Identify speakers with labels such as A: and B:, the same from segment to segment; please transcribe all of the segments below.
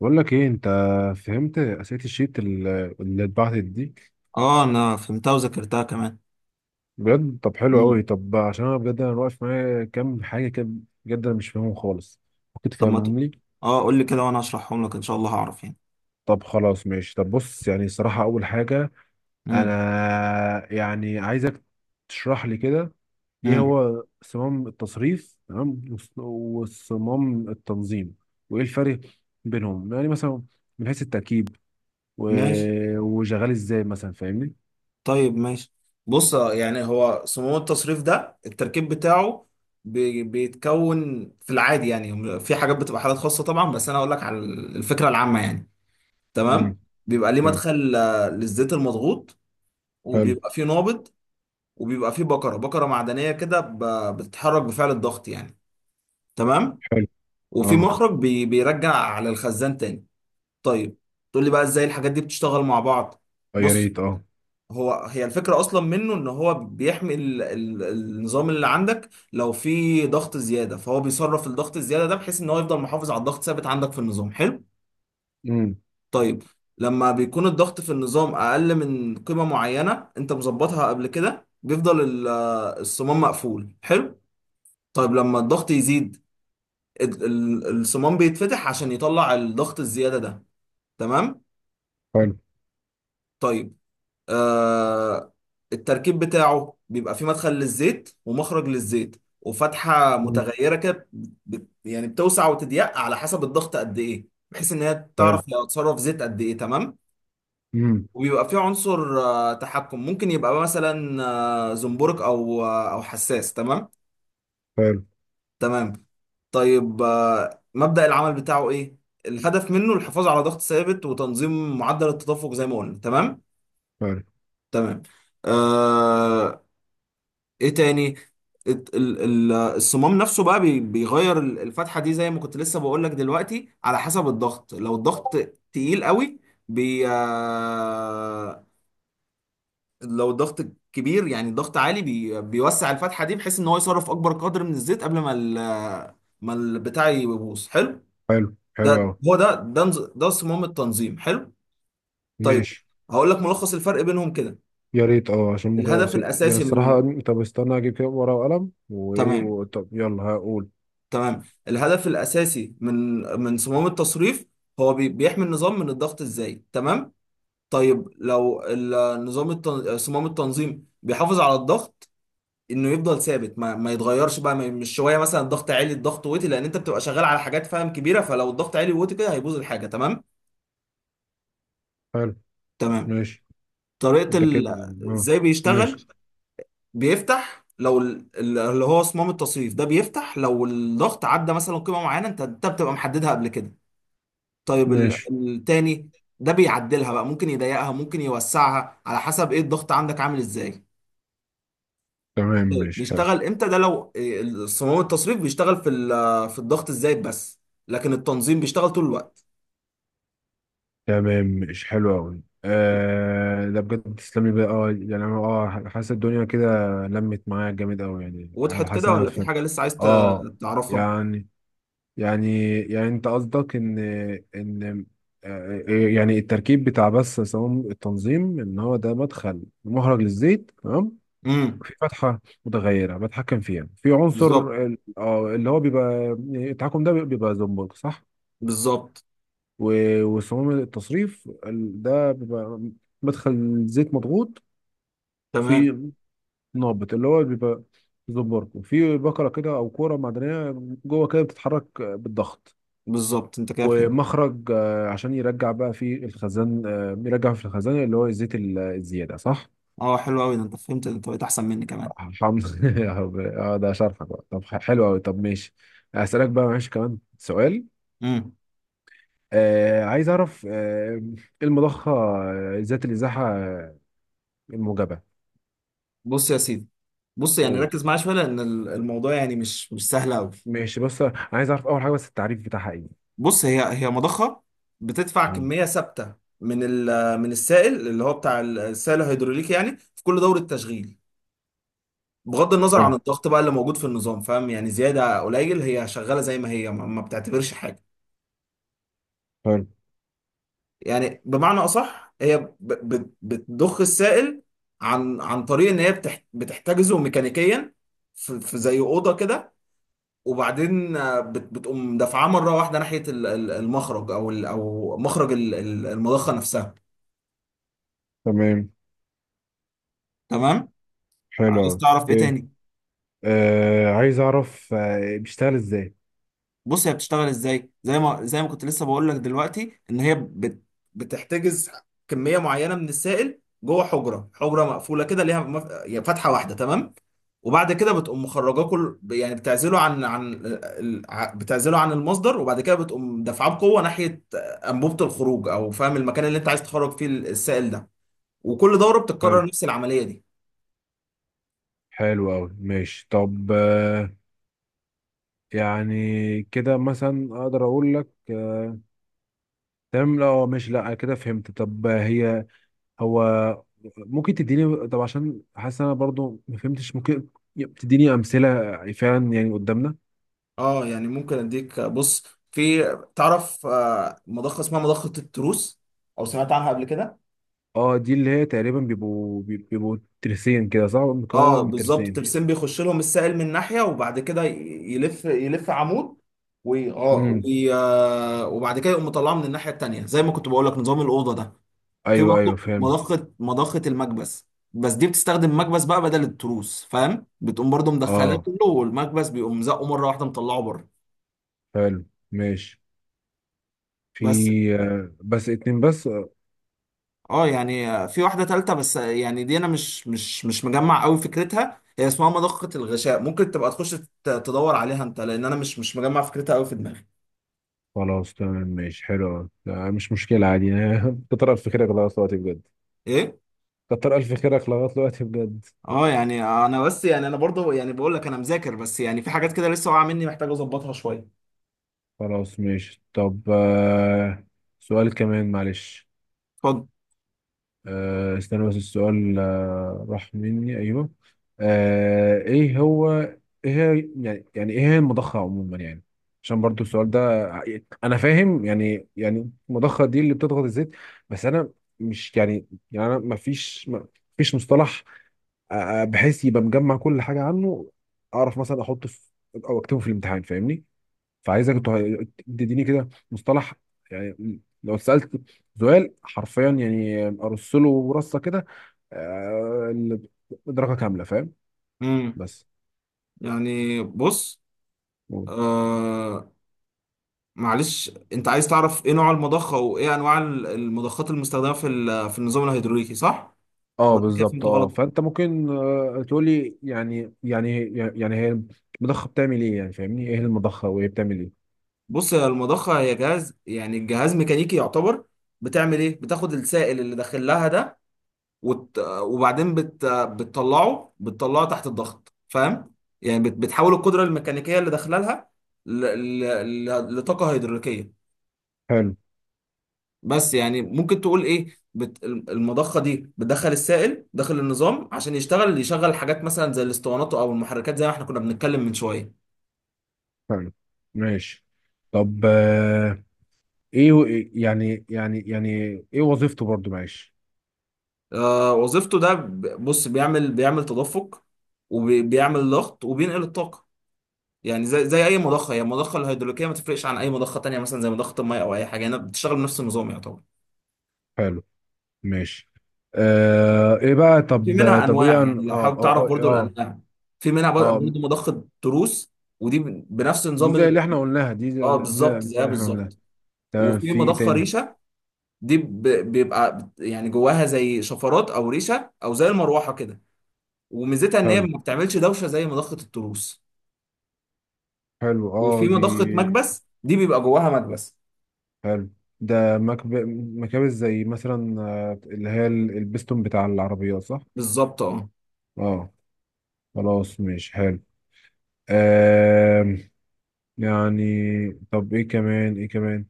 A: بقول لك ايه انت فهمت اسئله الشيت اللي اتبعتت دي.
B: اه، انا فهمتها وذاكرتها كمان.
A: بجد؟ طب حلو
B: مم.
A: قوي. طب عشان انا بجد، انا واقف معايا كام حاجه كده، بجد انا مش فاهمهم خالص. ممكن
B: طب ما ت...
A: تفهمهم لي؟
B: اه، قول لي كده وانا هشرحهم لك ان شاء الله هعرف يعني.
A: طب خلاص، ماشي. طب بص، يعني الصراحه اول حاجه،
B: مم.
A: انا يعني عايزك تشرح لي كده ايه
B: مم.
A: هو صمام التصريف، تمام، وصمام التنظيم، وايه الفرق بينهم، يعني مثلا من حيث التركيب
B: ماشي.
A: وشغال ازاي مثلا، فاهمني؟
B: طيب ماشي. بص، يعني هو صمام التصريف ده التركيب بتاعه بيتكون في العادي، يعني في حاجات بتبقى حالات خاصة طبعا، بس انا اقول لك على الفكرة العامة يعني. تمام.
A: امم
B: بيبقى ليه
A: حلو.
B: مدخل للزيت المضغوط،
A: حلو.
B: وبيبقى فيه نابض، وبيبقى فيه بكرة معدنية كده بتتحرك بفعل الضغط يعني. تمام.
A: حلو
B: وفي
A: اه.
B: مخرج بيرجع على الخزان تاني. طيب تقول لي بقى ازاي الحاجات دي بتشتغل مع بعض؟
A: آه، يا
B: بص،
A: ريت اه.
B: هي الفكرة أصلا منه إن هو بيحمي ال النظام اللي عندك. لو في ضغط زيادة، فهو بيصرف الضغط الزيادة ده بحيث إن هو يفضل محافظ على الضغط ثابت عندك في النظام. حلو.
A: امم.
B: طيب لما بيكون الضغط في النظام أقل من قيمة معينة أنت مظبطها قبل كده بيفضل الصمام مقفول. حلو. طيب لما الضغط يزيد، الصمام بيتفتح عشان يطلع الضغط الزيادة ده. تمام.
A: حلو.
B: طيب آه التركيب بتاعه بيبقى فيه مدخل للزيت ومخرج للزيت وفتحة
A: امم.
B: متغيرة كده. يعني بتوسع وتضيق على حسب الضغط قد ايه، بحيث ان هي تعرف
A: حلو.
B: هي هتصرف زيت قد ايه. تمام.
A: امم.
B: وبيبقى فيه عنصر تحكم ممكن يبقى مثلا زنبرك او حساس. تمام.
A: حلو.
B: تمام. طيب مبدأ العمل بتاعه ايه؟ الهدف منه الحفاظ على ضغط ثابت وتنظيم معدل التدفق، زي ما قلنا. تمام.
A: حلو.
B: تمام. آه... ايه تاني؟ الصمام نفسه بقى بيغير الفتحة دي زي ما كنت لسه بقول لك دلوقتي، على حسب الضغط. لو الضغط تقيل قوي، بي آه... لو الضغط كبير، يعني الضغط عالي، بيوسع الفتحة دي بحيث ان هو يصرف اكبر قدر من الزيت قبل ما البتاع يبوظ. حلو.
A: حلو. حلو اه.
B: ده هو ده ده نز- ده صمام التنظيم. حلو. طيب
A: ماشي.
B: هقول لك ملخص الفرق بينهم كده.
A: يا ريت اه، عشان ممكن
B: الهدف
A: أسيب. يعني
B: الاساسي
A: الصراحة،
B: من
A: طب استنى اجيب كده ورقة وقلم
B: تمام.
A: طب يلا هقول.
B: تمام. الهدف الأساسي من صمام التصريف هو بيحمي النظام من الضغط الزايد. تمام. طيب صمام التنظيم بيحافظ على الضغط انه يفضل ثابت، ما يتغيرش بقى. ما... مش شويه مثلا الضغط عالي، الضغط واطي. لان انت بتبقى شغال على حاجات فاهم كبيره، فلو الضغط عالي واطي كده هيبوظ الحاجه. تمام.
A: حلو.
B: تمام.
A: ماشي.
B: طريقه
A: ده
B: ال...
A: كده اه.
B: ازاي بيشتغل؟
A: ماشي.
B: بيفتح لو اللي هو صمام التصريف ده بيفتح لو الضغط عدى مثلا قيمه معينه انت بتبقى محددها قبل كده. طيب
A: ماشي.
B: التاني ده بيعدلها بقى، ممكن يضيقها ممكن يوسعها على حسب ايه الضغط عندك عامل ازاي.
A: تمام، ماشي، حلو.
B: بيشتغل امتى ده؟ لو صمام التصريف بيشتغل في في الضغط الزايد بس، لكن التنظيم بيشتغل طول الوقت.
A: تمام ماشي حلو قوي. آه، ده بجد تسلمي بقى. اه يعني انا اه حاسس الدنيا كده لمت معايا جامد قوي.
B: وضحت
A: يعني حاسس
B: كده،
A: إن انا
B: ولا في
A: في،
B: حاجة لسه عايز
A: اه.
B: تعرفها؟
A: يعني يعني انت قصدك ان، ان، آه، آه، يعني التركيب بتاع بس صمام التنظيم، ان هو ده مدخل مخرج للزيت، تمام،
B: امم.
A: في فتحه متغيره بتحكم فيها، في عنصر
B: بالظبط.
A: اللي هو بيبقى، يعني التحكم ده بيبقى زنبرك، صح؟
B: بالظبط.
A: وصمام التصريف ده بيبقى مدخل زيت مضغوط،
B: تمام.
A: في نابت اللي هو بيبقى زنبرك، وفي بكره كده او كوره معدنيه جوه كده بتتحرك بالضغط،
B: بالظبط، انت كده فهمت.
A: ومخرج آه، عشان يرجع بقى في الخزان، آه، يرجع في الخزان اللي هو الزيت الزيادة، صح؟
B: اه حلو قوي. ده انت فهمت، ده انت بقيت احسن مني كمان.
A: حمض. اه ده شرحك بقى. طب حلو قوي. طب ماشي، هسألك بقى، معلش، كمان سؤال.
B: امم.
A: آه، عايز اعرف آه المضخة آه، ذات الازاحة آه، الموجبة.
B: بص يا سيدي، بص يعني
A: قول.
B: ركز معايا شويه لان الموضوع يعني مش سهل قوي.
A: ماشي. بص، عايز اعرف اول حاجة بس، التعريف بتاعها ايه.
B: بص، هي مضخه بتدفع
A: مم.
B: كميه ثابته من السائل اللي هو بتاع السائل الهيدروليكي، يعني في كل دوره تشغيل، بغض النظر عن
A: حلو.
B: الضغط بقى اللي موجود في النظام، فاهم؟ يعني زياده قليل هي شغاله زي ما هي، ما بتعتبرش حاجه.
A: حلو.
B: يعني بمعنى اصح هي بتضخ السائل عن طريق ان هي بتحتجزه ميكانيكيا في في زي اوضه كده، وبعدين بتقوم دافعاه مره واحده ناحيه المخرج او مخرج المضخه نفسها.
A: تمام.
B: تمام.
A: حلو
B: عايز
A: أوي.
B: تعرف ايه
A: اوكي.
B: تاني؟
A: آه، عايز اعرف آه بيشتغل ازاي.
B: بص هي بتشتغل ازاي، زي ما كنت لسه بقول لك دلوقتي، ان هي بتحتجز كميه معينه من السائل جوه حجره مقفوله كده ليها يعني فتحه واحده. تمام. وبعد كده بتقوم مخرجاه كل، يعني بتعزله عن عن ال- ع- بتعزله عن المصدر، وبعد كده بتقوم دافعاه بقوه ناحيه انبوبه الخروج، او فاهم المكان اللي انت عايز تخرج فيه السائل ده. وكل دوره
A: حلو.
B: بتتكرر نفس العمليه دي.
A: حلو أوي. ماشي. طب آه، يعني كده مثلا أقدر أقول لك آه، تمام. لا آه، ماشي. لا كده فهمت. طب آه، هي، هو، ممكن تديني؟ طب عشان حاسس أنا برضو ما فهمتش، ممكن تديني أمثلة فعلا يعني قدامنا.
B: اه، يعني ممكن اديك. بص في، تعرف مضخه اسمها مضخه التروس، او سمعت عنها قبل كده؟
A: اه، دي اللي هي تقريبا بيبقوا ترسين كده، صح؟ مكونة
B: اه
A: من
B: بالظبط.
A: ترسين.
B: الترسين بيخش لهم السائل من ناحيه، وبعد كده يلف، عمود، وي... اه
A: امم.
B: وي... آه، وبعد كده يقوم مطلعه من الناحيه التانيه زي ما كنت بقول لك نظام الاوضه ده. في
A: ايوه ايوه،
B: برضه
A: فهمت.
B: مضخه المكبس، بس دي بتستخدم مكبس بقى بدل التروس، فاهم؟ بتقوم برضه مدخلاه
A: اه.
B: كله والمكبس بيقوم زقه مره واحده مطلعه بره.
A: حلو. ماشي.
B: بس
A: في، آه، بس اتنين بس؟
B: اه يعني في واحدة تالتة، بس يعني دي انا مش مجمع قوي فكرتها، هي اسمها مضخة الغشاء، ممكن تبقى تخش تدور عليها انت، لان انا مش مجمع فكرتها قوي في دماغي.
A: خلاص تمام، ماشي، حلو أوي. لا مش مشكلة، عادي. كتر ألف خيرك لغاية دلوقتي بجد.
B: ايه؟
A: كتر ألف خيرك لغاية دلوقتي بجد.
B: اه يعني انا بس، يعني انا برضو يعني بقول لك انا مذاكر، بس يعني في حاجات كده لسه واقعة مني محتاج اظبطها شوية.
A: خلاص ماشي. طب آه، سؤال كمان معلش.
B: اتفضل.
A: آه، استنى بس، السؤال آه، راح مني. أيوه، آه، إيه هو، إيه هي، يعني يعني إيه هي المضخة عموما يعني؟ عشان برضو السؤال ده أنا فاهم يعني، يعني المضخة دي اللي بتضغط الزيت، بس أنا مش يعني، يعني أنا مفيش، مفيش مصطلح آه، بحيث يبقى مجمع كل حاجه عنه، اعرف مثلا احطه في، او اكتبه في الامتحان، فاهمني؟ فعايزك تديني كده مصطلح، يعني لو سالت سؤال حرفيا، يعني ارص له رصه كده، آه، درجه كامله، فاهم؟
B: امم.
A: بس.
B: يعني بص آه معلش، انت عايز تعرف ايه نوع المضخة وايه انواع المضخات المستخدمة في في النظام الهيدروليكي، صح
A: اه
B: ولا كده
A: بالظبط.
B: فهمت
A: اه،
B: غلط؟
A: فانت ممكن آه، تقول لي يعني يعني يعني هي المضخه بتعمل ايه. يعني فاهمني ايه المضخه وهي بتعمل ايه.
B: بص يا، المضخة هي جهاز، يعني الجهاز ميكانيكي يعتبر. بتعمل ايه؟ بتاخد السائل اللي داخل لها ده، بتطلعه، تحت الضغط، فاهم؟ يعني بتحول القدرة الميكانيكية اللي داخلها لها ل... لطاقة هيدروليكية.
A: حلو.
B: بس يعني ممكن تقول ايه، المضخة دي بتدخل السائل داخل النظام عشان يشغل حاجات مثلا زي الاسطوانات او المحركات زي ما احنا كنا بنتكلم من شوية.
A: حلو. ماشي. طب آه، ايه و- يعني ايه وظيفته برضو، معلش.
B: وظيفته ده بص بيعمل، تدفق، وبيعمل ضغط، وبينقل الطاقة. يعني زي أي مضخة. هي المضخة الهيدروليكية ما تفرقش عن أي مضخة تانية، مثلا زي مضخة المية أو أي حاجة، هنا بتشتغل بنفس النظام يعتبر.
A: حلو. ماشي. آه ايه بقى؟
B: وفي
A: طب،
B: منها
A: طب ايه
B: أنواع، يعني لو حابب تعرف برضو الأنواع. في منها
A: اه، آه،
B: برضو مضخة تروس، ودي بنفس
A: دي
B: نظام
A: زي اللي احنا قلناها، دي زي،
B: اه بالظبط،
A: دي زي
B: زيها
A: اللي احنا قلناها.
B: بالظبط.
A: تمام،
B: وفي
A: في ايه
B: مضخة
A: تاني؟
B: ريشة، دي يعني جواها زي شفرات أو ريشة أو زي المروحة كده، وميزتها إن هي
A: حلو.
B: ما بتعملش دوشة زي مضخة التروس.
A: حلو اه،
B: وفي
A: دي.
B: مضخة مكبس دي بيبقى جواها مكبس.
A: حلو. ده مكابس زي مثلا آه، اللي هي البستون بتاع العربيات، صح؟
B: بالظبط اه.
A: اه. خلاص ماشي، حلو. آه يعني، طب ايه كمان، ايه كمان؟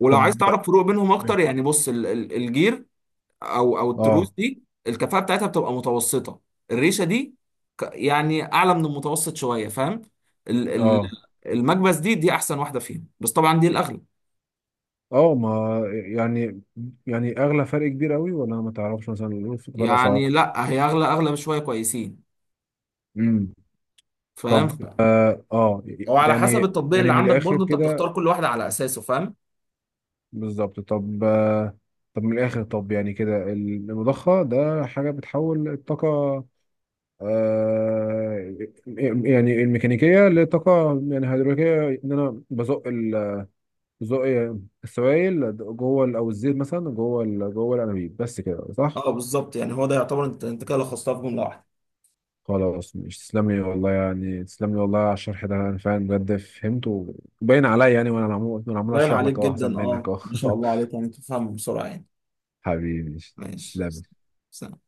B: ولو عايز
A: طب،
B: تعرف فروق بينهم اكتر يعني، بص الجير او
A: اه
B: التروس دي الكفاءة بتاعتها بتبقى متوسطة. الريشة دي يعني اعلى من المتوسط شوية، فاهم؟ ال- ال-
A: اه
B: المكبس دي احسن واحدة فيهم، بس طبعا دي الاغلى.
A: اه ما، يعني، يعني اغلى فرق كبير قوي، ولا ما تعرفش مثلا في فرق اسعار؟
B: يعني لا هي اغلى، اغلى بشوية كويسين،
A: امم.
B: فاهم؟
A: طب، اه آه،
B: هو على حسب
A: يعني
B: التطبيق
A: يعني
B: اللي
A: من
B: عندك
A: الاخر
B: برضه انت
A: كده.
B: بتختار كل واحدة على اساسه، فاهم؟
A: بالظبط. طب آه، طب من الاخر، طب يعني كده المضخه ده حاجه بتحول الطاقه آه، يعني الميكانيكيه لطاقه يعني هيدروليكيه، ان انا بزق بزق السوائل جوه او الزيت مثلا جوه جوه الانابيب، بس كده، صح؟
B: اه بالظبط، يعني هو ده يعتبر. انت كده لخصتها في جملة واحدة.
A: خلاص. مش تسلم لي والله، يعني تسلم لي والله على الشرح ده، انا فعلا بجد فهمته، باين عليا، يعني وانا عمال
B: باين
A: اشرح
B: عليك
A: لك اهو، احسن
B: جدا،
A: منك
B: اه،
A: اهو.
B: ما شاء الله عليك، يعني تفهم بسرعة يعني.
A: حبيبي.
B: ماشي.
A: تسلم.
B: سلام.